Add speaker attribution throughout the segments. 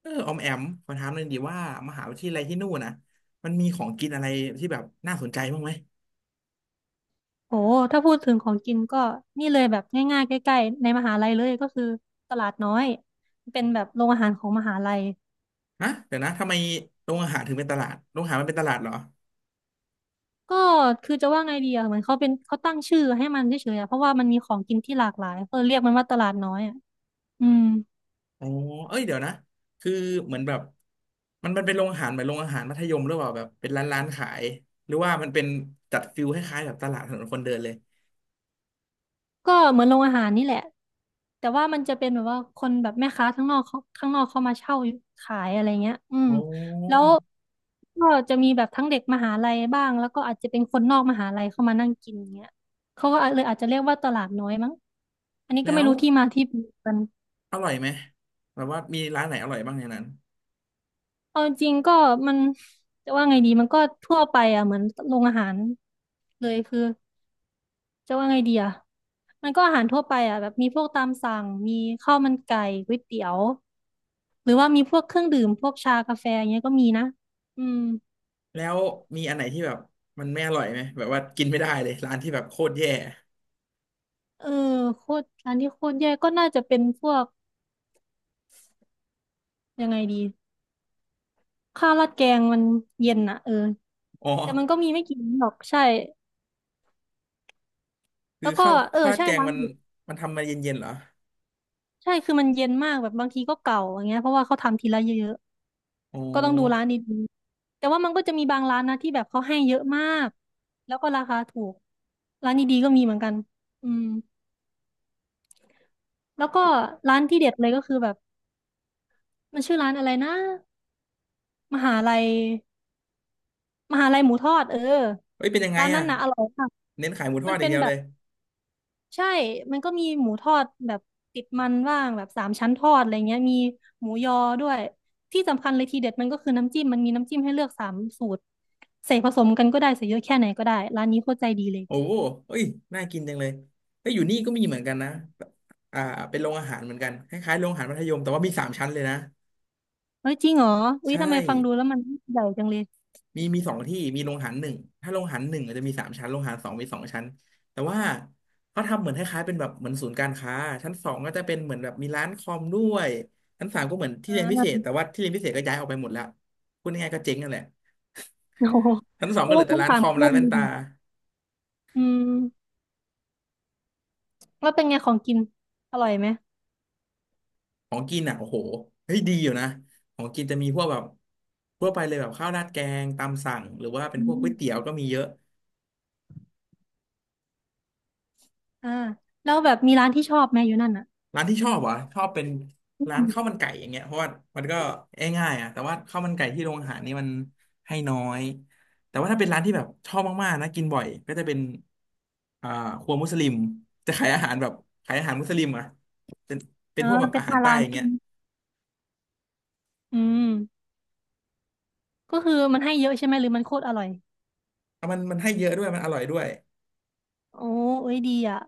Speaker 1: เออออมแอมขอถามหน่อยดีว่ามหาวิทยาลัยที่นู่นนะมันมีของกินอะไรที่แบบน่าสนใจบ้างไหม
Speaker 2: โอ้ถ้าพูดถึงของกินก็นี่เลยแบบง่ายๆใกล้ๆในมหาลัยเลยก็คือตลาดน้อยเป็นแบบโรงอาหารของมหาลัย
Speaker 1: ฮะเดี๋ยวนะทำไมโรงอาหารถึงเป็นตลาดโรงอาหารมันเป็นตลาดเหรอ
Speaker 2: ก็คือจะว่าไงดีอะเหมือนเขาตั้งชื่อให้มันเฉยๆอะเพราะว่ามันมีของกินที่หลากหลายก็เรียกมันว่าตลาดน้อยอะอืม
Speaker 1: อ๋อเอ้ยเดี๋ยวนะคือเหมือนแบบมันเป็นโรงอาหารเหมือนโรงอาหารมัธยมหรือเปล่าแบบเป็นร้านขายหรือว่ามันเป็นจัดฟิลคล้ายๆแบบตลาดถนนคนเดินเลย
Speaker 2: ก็เหมือนโรงอาหารนี่แหละแต่ว่ามันจะเป็นแบบว่าคนแบบแม่ค้าข้างนอกเขาข้างนอกเขามาเช่าขายอะไรเงี้ยอืม
Speaker 1: อ๋อ
Speaker 2: แล้วก็จะมีแบบทั้งเด็กมหาลัยบ้างแล้วก็อาจจะเป็นคนนอกมหาลัยเข้ามานั่งกินเงี้ยเขาก็เลยอาจจะเรียกว่าตลาดน้อยมั้งอันนี้ก็
Speaker 1: แล้
Speaker 2: ไม่
Speaker 1: ว
Speaker 2: รู้ที่มาที่ไปกัน
Speaker 1: อร่อยไหมแบบว่ามีร้านไหนอร่อยบ้างในนั้น
Speaker 2: เอาจริงๆก็มันจะว่าไงดีมันก็ทั่วไปอ่ะเหมือนโรงอาหารเลยคือ จะว่าไงดีอ่ะมันก็อาหารทั่วไปอ่ะแบบมีพวกตามสั่งมีข้าวมันไก่ก๋วยเตี๋ยว หรือว่ามีพวกเครื่องดื่มพวกชากาแฟอย่างเงี้ยก็มีนะอืม
Speaker 1: แล้วมีอันไหนที่แบบมันไม่อร่อยไหมแบบว่ากินไม่ได้เลยร้านที่แบบโคตรแย่
Speaker 2: เออโคตรร้านที่โคตรแย่ก็น่าจะเป็นพวกยังไงดีข้าวราดแกงมันเย็นอ่ะเออ
Speaker 1: อ๋อ
Speaker 2: แต่มันก็มีไม่กี่ร้านหรอกใช่
Speaker 1: คื
Speaker 2: แล้
Speaker 1: อ
Speaker 2: วก็
Speaker 1: ข้าว
Speaker 2: เออ
Speaker 1: ข้าวราด
Speaker 2: ใช่
Speaker 1: แกง
Speaker 2: ร้าน
Speaker 1: มัน
Speaker 2: หยุด
Speaker 1: มันทำมาเย็นๆเหรอ
Speaker 2: ใช่คือมันเย็นมากแบบบางทีก็เก่าอย่างเงี้ยเพราะว่าเขาทำทีละเยอะ
Speaker 1: อ๋อ
Speaker 2: ก็ต้องดูร้านดีๆแต่ว่ามันก็จะมีบางร้านนะที่แบบเขาให้เยอะมาก แล้วก็ราคาถูกร้านดีๆก็มีเหมือนกันอืมแล้วก็ร้านที่เด็ดเลยก็คือแบบมันชื่อร้านอะไรนะ มหาลัยมหาลัยหมูทอดเออ
Speaker 1: เอ้ยเป็นยังไง
Speaker 2: ร้านนั้
Speaker 1: อ่ะ
Speaker 2: นนะอร่อยมาก
Speaker 1: เน้นขายหมูท
Speaker 2: มั
Speaker 1: อ
Speaker 2: น
Speaker 1: ดอ
Speaker 2: เป็
Speaker 1: ย่าง
Speaker 2: น
Speaker 1: เดียว
Speaker 2: แบ
Speaker 1: เล
Speaker 2: บ
Speaker 1: ย
Speaker 2: ใช่มันก็มีหมูทอดแบบติดมันว่างแบบสามชั้นทอดอะไรเงี้ยมีหมูยอด้วยที่สำคัญเลยทีเด็ดมันก็คือน้ำจิ้มมันมีน้ำจิ้มให้เลือกสามสูตรใส่ผสมกันก็ได้ใส่เยอะแค่ไหนก็ได้ร้านนี้โคตรใจดีเลย
Speaker 1: โอ้โหเอ้ยน่ากินจังเลยเอ้ยอยู่นี่ก็มีเหมือนกันนะอ่าเป็นโรงอาหารเหมือนกันคล้ายๆโรงอาหารมัธยมแต่ว่ามีสามชั้นเลยนะ
Speaker 2: เฮ้ยจริงเหรออุ๊ย
Speaker 1: ใช่
Speaker 2: ทำไมฟังดูแล้วมันใหญ่จังเลย
Speaker 1: มีมีสองที่มีโรงอาหารหนึ่งถ้าโรงอาหารหนึ่งอาจจะมีสามชั้นโรงอาหารสองมีสองชั้นแต่ว่าเขาทำเหมือนคล้ายๆเป็นแบบเหมือนศูนย์การค้าชั้นสองก็จะเป็นเหมือนแบบมีร้านคอมด้วยชั้นสามก็เหมือน
Speaker 2: อ่
Speaker 1: ที่เรียนพิเศษ
Speaker 2: า
Speaker 1: แต่ว่าที่เรียนพิเศษก็ย้ายออกไปหมดแล้วพูดง่ายๆก็เจ๊งนั่นแหละ
Speaker 2: โอ้โห
Speaker 1: ชั้นสอ
Speaker 2: เพ
Speaker 1: งก็
Speaker 2: ราะ
Speaker 1: เหลื
Speaker 2: ว่า
Speaker 1: อแต่
Speaker 2: ทั้ง
Speaker 1: ร้าน
Speaker 2: สา
Speaker 1: ค
Speaker 2: ม
Speaker 1: อม
Speaker 2: กุู้
Speaker 1: ร้านแว่
Speaker 2: เมี
Speaker 1: น
Speaker 2: ดิ
Speaker 1: ตา
Speaker 2: อืมแล้วเป็นไงของกินอร่อยไหม
Speaker 1: ของกินอ่ะโอ้โหเฮ้ยดีอยู่นะของกินจะมีพวกแบบทั่วไปเลยแบบข้าวราดแกงตามสั่งหรือว่าเป็
Speaker 2: อื
Speaker 1: นพวกก๋
Speaker 2: ม
Speaker 1: วยเตี๋ยวก็มีเยอะ
Speaker 2: อ่าแล้วแบบมีร้านที่ชอบไหมอยู่นั่นอ่ะ
Speaker 1: ร้านที่ชอบเหรอะชอบเป็น
Speaker 2: อื
Speaker 1: ร้าน
Speaker 2: ม
Speaker 1: ข้าวมันไก่อย่างเงี้ยเพราะว่ามันก็ง่ายๆอ่ะแต่ว่าข้าวมันไก่ที่โรงอาหารนี่มันให้น้อยแต่ว่าถ้าเป็นร้านที่แบบชอบมากๆนะกินบ่อยก็จะเป็นอ่าครัวมุสลิมจะขายอาหารแบบขายอาหารมุสลิมอ่ะเป็นเป็
Speaker 2: อ่า
Speaker 1: นพวกแบบ
Speaker 2: เป็น
Speaker 1: อาหา
Speaker 2: มา
Speaker 1: รใต้
Speaker 2: ร้าน
Speaker 1: อย่าง
Speaker 2: ใช่
Speaker 1: เงี้ย
Speaker 2: ไหมอืมก็คือมันให้เยอะใช่ไหมหรือมันโคตรอร่อย
Speaker 1: มันให้เยอะด้วยมันอร่อยด้วย
Speaker 2: โอ้เอ้ยดีอ่ะ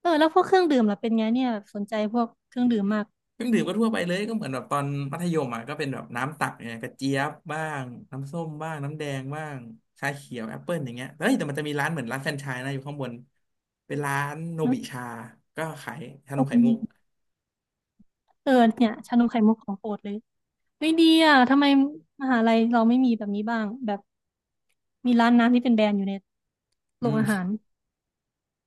Speaker 2: เออแล้วพวกเครื่องดื่มล่ะเป็นไงเนี่ยสนใจพวกเครื่องดื่มมาก
Speaker 1: เครื่องดื่มก็ทั่วไปเลยก็เหมือนแบบตอนมัธยมอ่ะก็เป็นแบบน้ำตักเนี่ยกระเจี๊ยบบ้างน้ำส้มบ้างน้ำแดงบ้างชาเขียวแอปเปิลอย่างเงี้ยเฮ้ยแต่มันจะมีร้านเหมือนร้านแฟรนไชส์นะอยู่ข้างบนเป็นร้านโน
Speaker 2: อื
Speaker 1: บิชาก็ขายชาน
Speaker 2: ม
Speaker 1: มไข่มุก
Speaker 2: เออเนี่ยชานมไข่มุกของโปรดเลย ไม่ดีอ่ะทำไมมหาลัยเราไม่มีแบบนี้บ้างแบบมีร้านน้ำที่เป็นแบรนด์อยู่ในโร
Speaker 1: อื
Speaker 2: งอาหา
Speaker 1: ม
Speaker 2: ร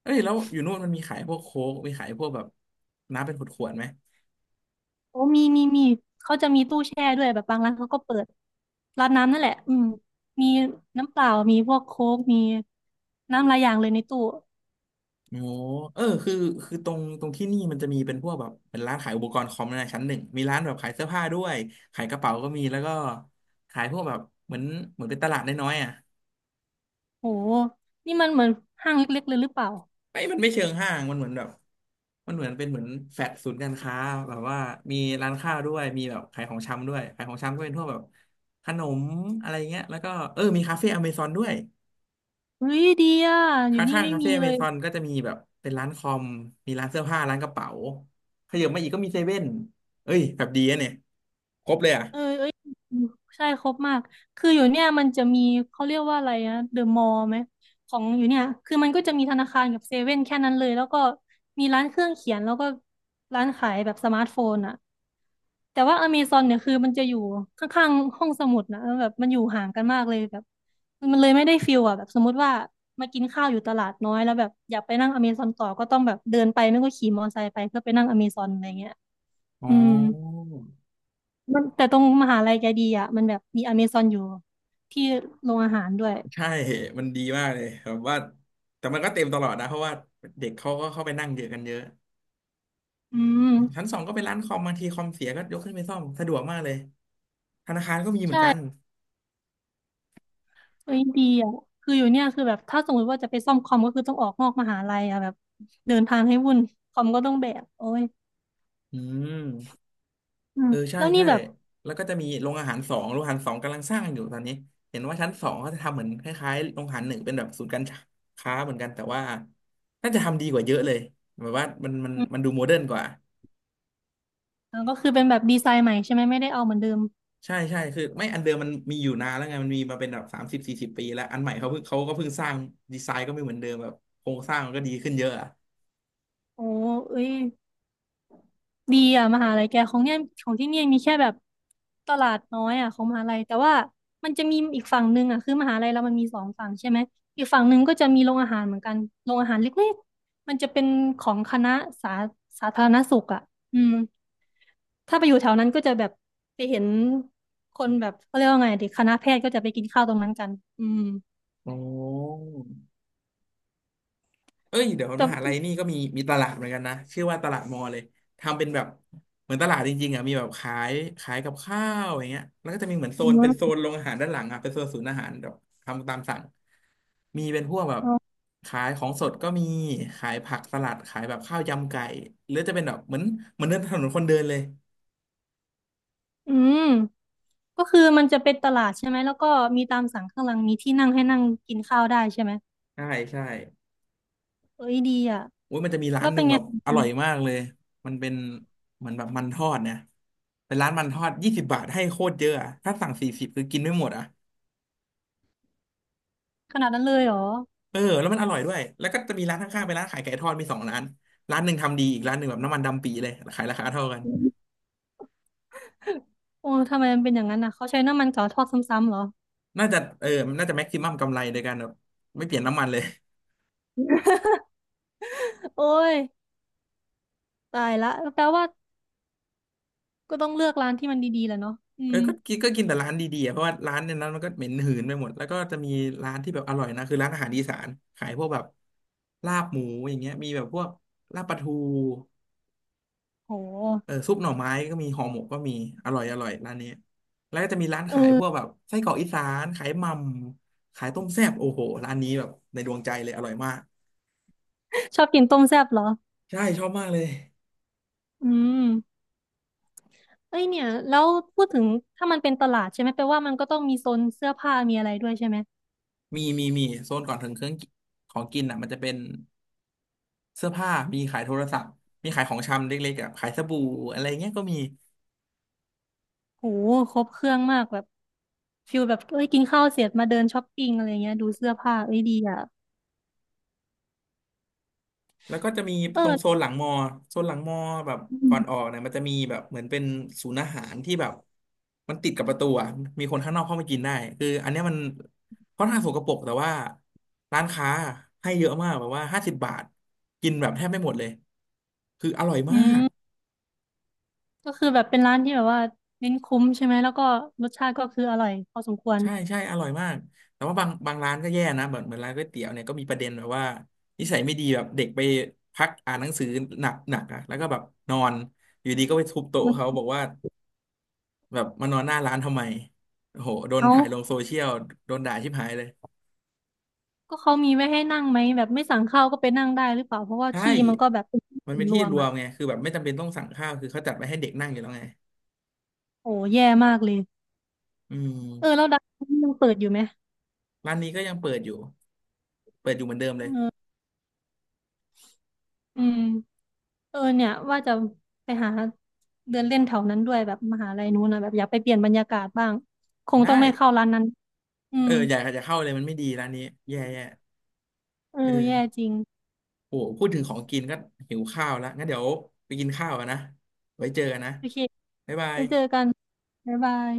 Speaker 1: เอ้ยแล้วอยู่นู่นมันมีขายพวกโค้กมีขายพวกแบบน้ำเป็นขวดๆไหม
Speaker 2: โอ้มีเขาจะมีตู้แช่ด้วยแบบบางร้านเขาก็เปิดร้านน้ำนั่นแหละอืมมีน้ำเปล่ามีพวกโค้กมีน้ำหลายอย่างเลยในตู้
Speaker 1: โอ้เออคือตรงที่นี่มันจะมีเป็นพวกแบบเป็นร้านขายอุปกรณ์คอมในชั้นหนึ่งมีร้านแบบขายเสื้อผ้าด้วยขายกระเป๋าก็มีแล้วก็ขายพวกแบบเหมือนเหมือนเป็นตลาดน้อยๆอ่ะ
Speaker 2: โหนี่มันเหมือนห้างเล็กๆเลยหรือเปล่า
Speaker 1: ไม่มันไม่เชิงห้างมันเหมือนแบบมันเหมือนเป็นเหมือนแฟลตศูนย์การค้าแบบว่ามีร้านข้าวด้วยมีแบบขายของชำด้วยขายของชำก็เป็นพวกแบบขนมอะไรเงี้ยแล้วก็เออมีคาเฟ่อเมซอนด้วย
Speaker 2: เฮ้ยดีอ่ะอ
Speaker 1: ข
Speaker 2: ยู่นี่
Speaker 1: ้าง
Speaker 2: ไม่
Speaker 1: ๆคา
Speaker 2: มี
Speaker 1: เฟ่อ
Speaker 2: เล
Speaker 1: เม
Speaker 2: ย
Speaker 1: ซอนก็จะมีแบบเป็นร้านคอมมีร้านเสื้อผ้าร้านกระเป๋าขยับมาอีกก็มีเซเว่นเอ้ยแบบดีอะเนี่ยครบเลยอ่ะ
Speaker 2: เอ้ยใช่ครบมาก คืออยู่เนี่ยมันจะมีเขาเรียกว่าอะไรนะเดอะมอลล์ไหมของอยู่เนี่ยคือมันก็จะมีธนาคารกับเซเว่นแค่นั้นเลยแล้วก็มีร้านเครื่องเขียนแล้วก็ร้านขายแบบสมาร์ทโฟนอะแต่ว่าอเมซอนเนี่ยคือมันจะอยู่ข้างๆห้องสมุดนะแล้วแบบมันอยู่ห่างกันมากเลยแบบมันเลยไม่ได้ฟิลอะแบบสมมติว่ามากินข้าวอยู่ตลาดน้อยแล้วแบบอยากไปนั่งอเมซอนต่อก็ต้องแบบเดินไปไม่ก็ขี่มอเตอร์ไซค์ไปเพื่อไปนั่งอเมซอนอะไรเงี้ย
Speaker 1: อ๋
Speaker 2: อืม
Speaker 1: อ
Speaker 2: มันแต่ตรงมหาลัยแกดีอ่ะมันแบบมีอเมซอนอยู่ที่โรงอาหารด้วย
Speaker 1: ใช่มันดีมากเลยแบบว่าแต่มันก็เต็มตลอดนะเพราะว่าเด็กเขาก็เข้าไปนั่งเยอะกันเยอะ
Speaker 2: อืม
Speaker 1: ชั้นสองก็เป็นร้านคอมบางทีคอมเสียก็ยกขึ้นไปซ่อมสะดวกมากเลยธนาคารก็มีเหมือนกัน
Speaker 2: เอ้ยดีอ่ะคืออยู่เนี่ยคือแบบถ้าสมมติว่าจะไปซ่อมคอมก็คือต้องออกนอกมหาลัยอ่ะแบบเดินทางให้วุ่นคอมก็ต้องแบกโอ้ย
Speaker 1: อืม
Speaker 2: อืม
Speaker 1: เออใช่
Speaker 2: แล้วนี่
Speaker 1: ใช่
Speaker 2: แบบ
Speaker 1: แล้วก็จะมีโรงอาหารสองโรงอาหารสองกำลังสร้างอยู่ตอนนี้เห็นว่าชั้นสองเขาจะทำเหมือนคล้ายๆโรงอาหารหนึ่งเป็นแบบศูนย์การค้าเหมือนกันแต่ว่าน่าจะทำดีกว่าเยอะเลยแบบว่ามันดูโมเดิร์นกว่า
Speaker 2: เออก็คือเป็นแบบดีไซน์ใหม่ใช่ไหมไม่ได้เอาเหมือนเดิม
Speaker 1: ใช่ใช่คือไม่อันเดิมมันมีอยู่นานแล้วไงมันมีมาเป็นแบบ30-40 ปีแล้วอันใหม่เขาเพิ่งเขาก็เพิ่งสร้างดีไซน์ก็ไม่เหมือนเดิมแบบโครงสร้างมันก็ดีขึ้นเยอะอะ
Speaker 2: โอ้เอ้ย ดีอ่ะมหาลัยแกของเนี่ยของที่เนี่ยมีแค่แบบตลาดน้อยอ่ะของมหาลัยแต่ว่ามันจะมีอีกฝั่งหนึ่งอ่ะคือมหาลัยเรามันมีสองฝั่งใช่ไหมอีกฝั่งหนึ่งก็จะมีโรงอาหารเหมือนกันโรงอาหารเล็กๆมันจะเป็นของคณะสาสาธารณสุขอ่ะอืมถ้าไปอยู่แถวนั้นก็จะแบบไปเห็นคนแบบเขาเรียกว่าไงดิคณะแพทย์ก็จะไปกินข้าวตรงนั้นกันอืม
Speaker 1: โอ้ เอ้ยเดี๋ยว
Speaker 2: แต่
Speaker 1: มหาลัยนี่ก็มีมีตลาดเหมือนกันนะชื่อว่าตลาดมอเลยทำเป็นแบบเหมือนตลาดจริงๆอ่ะมีแบบขายขายกับข้าวอย่างเงี้ยแล้วก็จะมีเหมือนโซนเป็นโซนโรงอาหารด้านหลังอ่ะเป็นโซนศูนย์อาหารแบบทำตามสั่งมีเป็นพวกแบบขายของสดก็มีขายผักสลัดขายแบบข้าวยำไก่หรือจะเป็นแบบเหมือนเหมือนเดินถนนคนเดินเลย
Speaker 2: อืมก็คือมันจะเป็นตลาดใช่ไหมแล้วก็มีตามสั่งข้างหลังมีที่นั่งให้นั่งกินข้าวได้ใช่ไหม
Speaker 1: ใช่ใช่
Speaker 2: เอ้ยดีอ่ะ
Speaker 1: อุ้ยมันจะมีร้านหนึ่งแบบอร่อยมากเลยมันเป็นเหมือนแบบมันทอดเนี่ยเป็นร้านมันทอด20 บาทให้โคตรเยอะอะถ้าสั่ง40คือกินไม่หมดอ่ะ
Speaker 2: ขนาดนั้นเลยเหรอ
Speaker 1: เออแล้วมันอร่อยด้วยแล้วก็จะมีร้านข้างๆเป็นร้านขายไก่ทอดมีสองร้านร้านหนึ่งทำดีอีกร้านหนึ่งแบบน้ำมันดำปีเลยขายราคาเท่ากัน
Speaker 2: โอ้ทำไมมันเป็นอย่างนั้นอ่ะเขาใช้น้ำมันเก่าทอดซ้ำๆเหรอ
Speaker 1: น่าจะเออมันน่าจะแม็กซิมัมกำไรโดยการแบบไม่เปลี่ยนน้ำมันเลย
Speaker 2: โอ้ยตายละแปลว่าก็ต้องเลือกร้านที่มันดีๆแหละเนาะอื
Speaker 1: เออ
Speaker 2: ม
Speaker 1: ก็กินแต่ร้านดีๆอะเพราะว่าร้านในนั้นมันก็เหม็นหืนไปหมดแล้วก็จะมีร้านที่แบบอร่อยนะคือร้านอาหารอีสานขายพวกแบบลาบหมูอย่างเงี้ยมีแบบพวกลาบปลาทู
Speaker 2: โห
Speaker 1: เออซุปหน่อไม้ก็มีห่อหมกก็มีอร่อยอร่อยร้านนี้แล้วก็จะมีร้าน
Speaker 2: เอ
Speaker 1: ขาย
Speaker 2: อ
Speaker 1: พวกแบบไส้กรอกอีสานขายหม่ำขายต้มแซ่บโอ้โหร้านนี้แบบในดวงใจเลยอร่อยมาก
Speaker 2: ชอบกินต้มแซ่บเหรอ
Speaker 1: ใช่ชอบมากเลย
Speaker 2: อืมเอ้ยเนี่ยแล้วพูดถึงถ้ามันเป็นตลาดใช่ไหมแปลว่ามันก็ต้องมีโซนเสื้อผ้ามีอะไรด้วยใช่ไหม
Speaker 1: มีโซนก่อนถึงเครื่องกิของกินอ่ะมันจะเป็นเสื้อผ้ามีขายโทรศัพท์มีขายของชำเล็กๆอ่ะขายสบู่อะไรเงี้ยก็มี
Speaker 2: โหครบเครื่องมากแบบฟิลแบบเอ้ยกินข้าวเสร็จมาเดินช้อปปิ้งอะไรเงี้ยดูเสื้อผ้าเอ้ยดีอ่ะ
Speaker 1: แล้วก็จะมี
Speaker 2: เอ
Speaker 1: ตรงโซน
Speaker 2: อ
Speaker 1: หลังมอโซนหลังมอแบบก่อนออกเนี่ยมันจะมีแบบเหมือนเป็นศูนย์อาหารที่แบบมันติดกับประตูอ่ะมีคนข้างนอกเข้ามากินได้คืออันเนี้ยมันค่อนข้างสกปรกแต่ว่าร้านค้าให้เยอะมากแบบว่า50 บาทกินแบบแทบไม่หมดเลยคืออร่อยมา
Speaker 2: อื
Speaker 1: ก
Speaker 2: ม ก็คือแบบเป็นร้านที่แบบว่าเน้นคุ้มใช่ไหมแล้วก็รสชาติก็คืออร่อยพอสมควร
Speaker 1: ใช่ใช่อร่อยมาก แต่ว่าบางร้านก็แย่นะเหมือนร้านก๋วยเตี๋ยวเนี่ยก็มีประเด็นแบบว่านิสัยไม่ดีแบบเด็กไปพักอ่านหนังสือหนักหนักอ่ะแล้วก็แบบนอนอยู่ดีก็ไปทุบ
Speaker 2: อื
Speaker 1: โต๊ะเขาบอก
Speaker 2: ม
Speaker 1: ว่า แบบมานอนหน้าร้านทำไมโอ้โห โดน
Speaker 2: เอ้า
Speaker 1: ถ่ายลงโซเชียลโดนด่าชิบหายเลย
Speaker 2: ก็เขามีไว้ให้นั่งไหมแบบไม่สั่งข้าวก็ไปนั่งได้หรือเปล่าเพราะว่า
Speaker 1: ใช
Speaker 2: ที่มันก็
Speaker 1: ่
Speaker 2: แบบเป็นที่
Speaker 1: มั
Speaker 2: ส่
Speaker 1: น
Speaker 2: วน
Speaker 1: เป็น
Speaker 2: ร
Speaker 1: ที่
Speaker 2: วม
Speaker 1: รว
Speaker 2: อ่ะ
Speaker 1: มไงคือแบบไม่จำเป็นต้องสั่งข้าวคือเขาจัดไว้ให้เด็กนั่งอยู่แล้วไง
Speaker 2: โอ้แย่มากเลย
Speaker 1: อื
Speaker 2: เออ
Speaker 1: ม
Speaker 2: แล้วดังนี่ยังเปิดอยู่ไหม
Speaker 1: ร้านนี้ก็ยังเปิดอยู่ เปิดอยู่เหมือนเดิม
Speaker 2: เอ
Speaker 1: เลย
Speaker 2: ออืมเออเนี่ยว่าจะไปหาเดินเล่นแถวนั้นด้วยแบบมหาลัยนู้นนะแบบอยากไปเปลี่ยนบรรยากาศบ้างคงต้
Speaker 1: ได้
Speaker 2: องไม่เข้าร้านนั้นอื
Speaker 1: เออ
Speaker 2: ม
Speaker 1: อยากจะเข้าเลยมันไม่ดีร้านนี้แย่
Speaker 2: เอ
Speaker 1: เอ
Speaker 2: อแย่
Speaker 1: อ
Speaker 2: จริง
Speaker 1: โหพูดถึงของกินก็หิวข้าวแล้วงั้นเดี๋ยวไปกินข้าวกันนะไว้เจอกันนะ
Speaker 2: โอเค
Speaker 1: บ๊ายบา
Speaker 2: ไป
Speaker 1: ย
Speaker 2: เจอกันบ๊ายบาย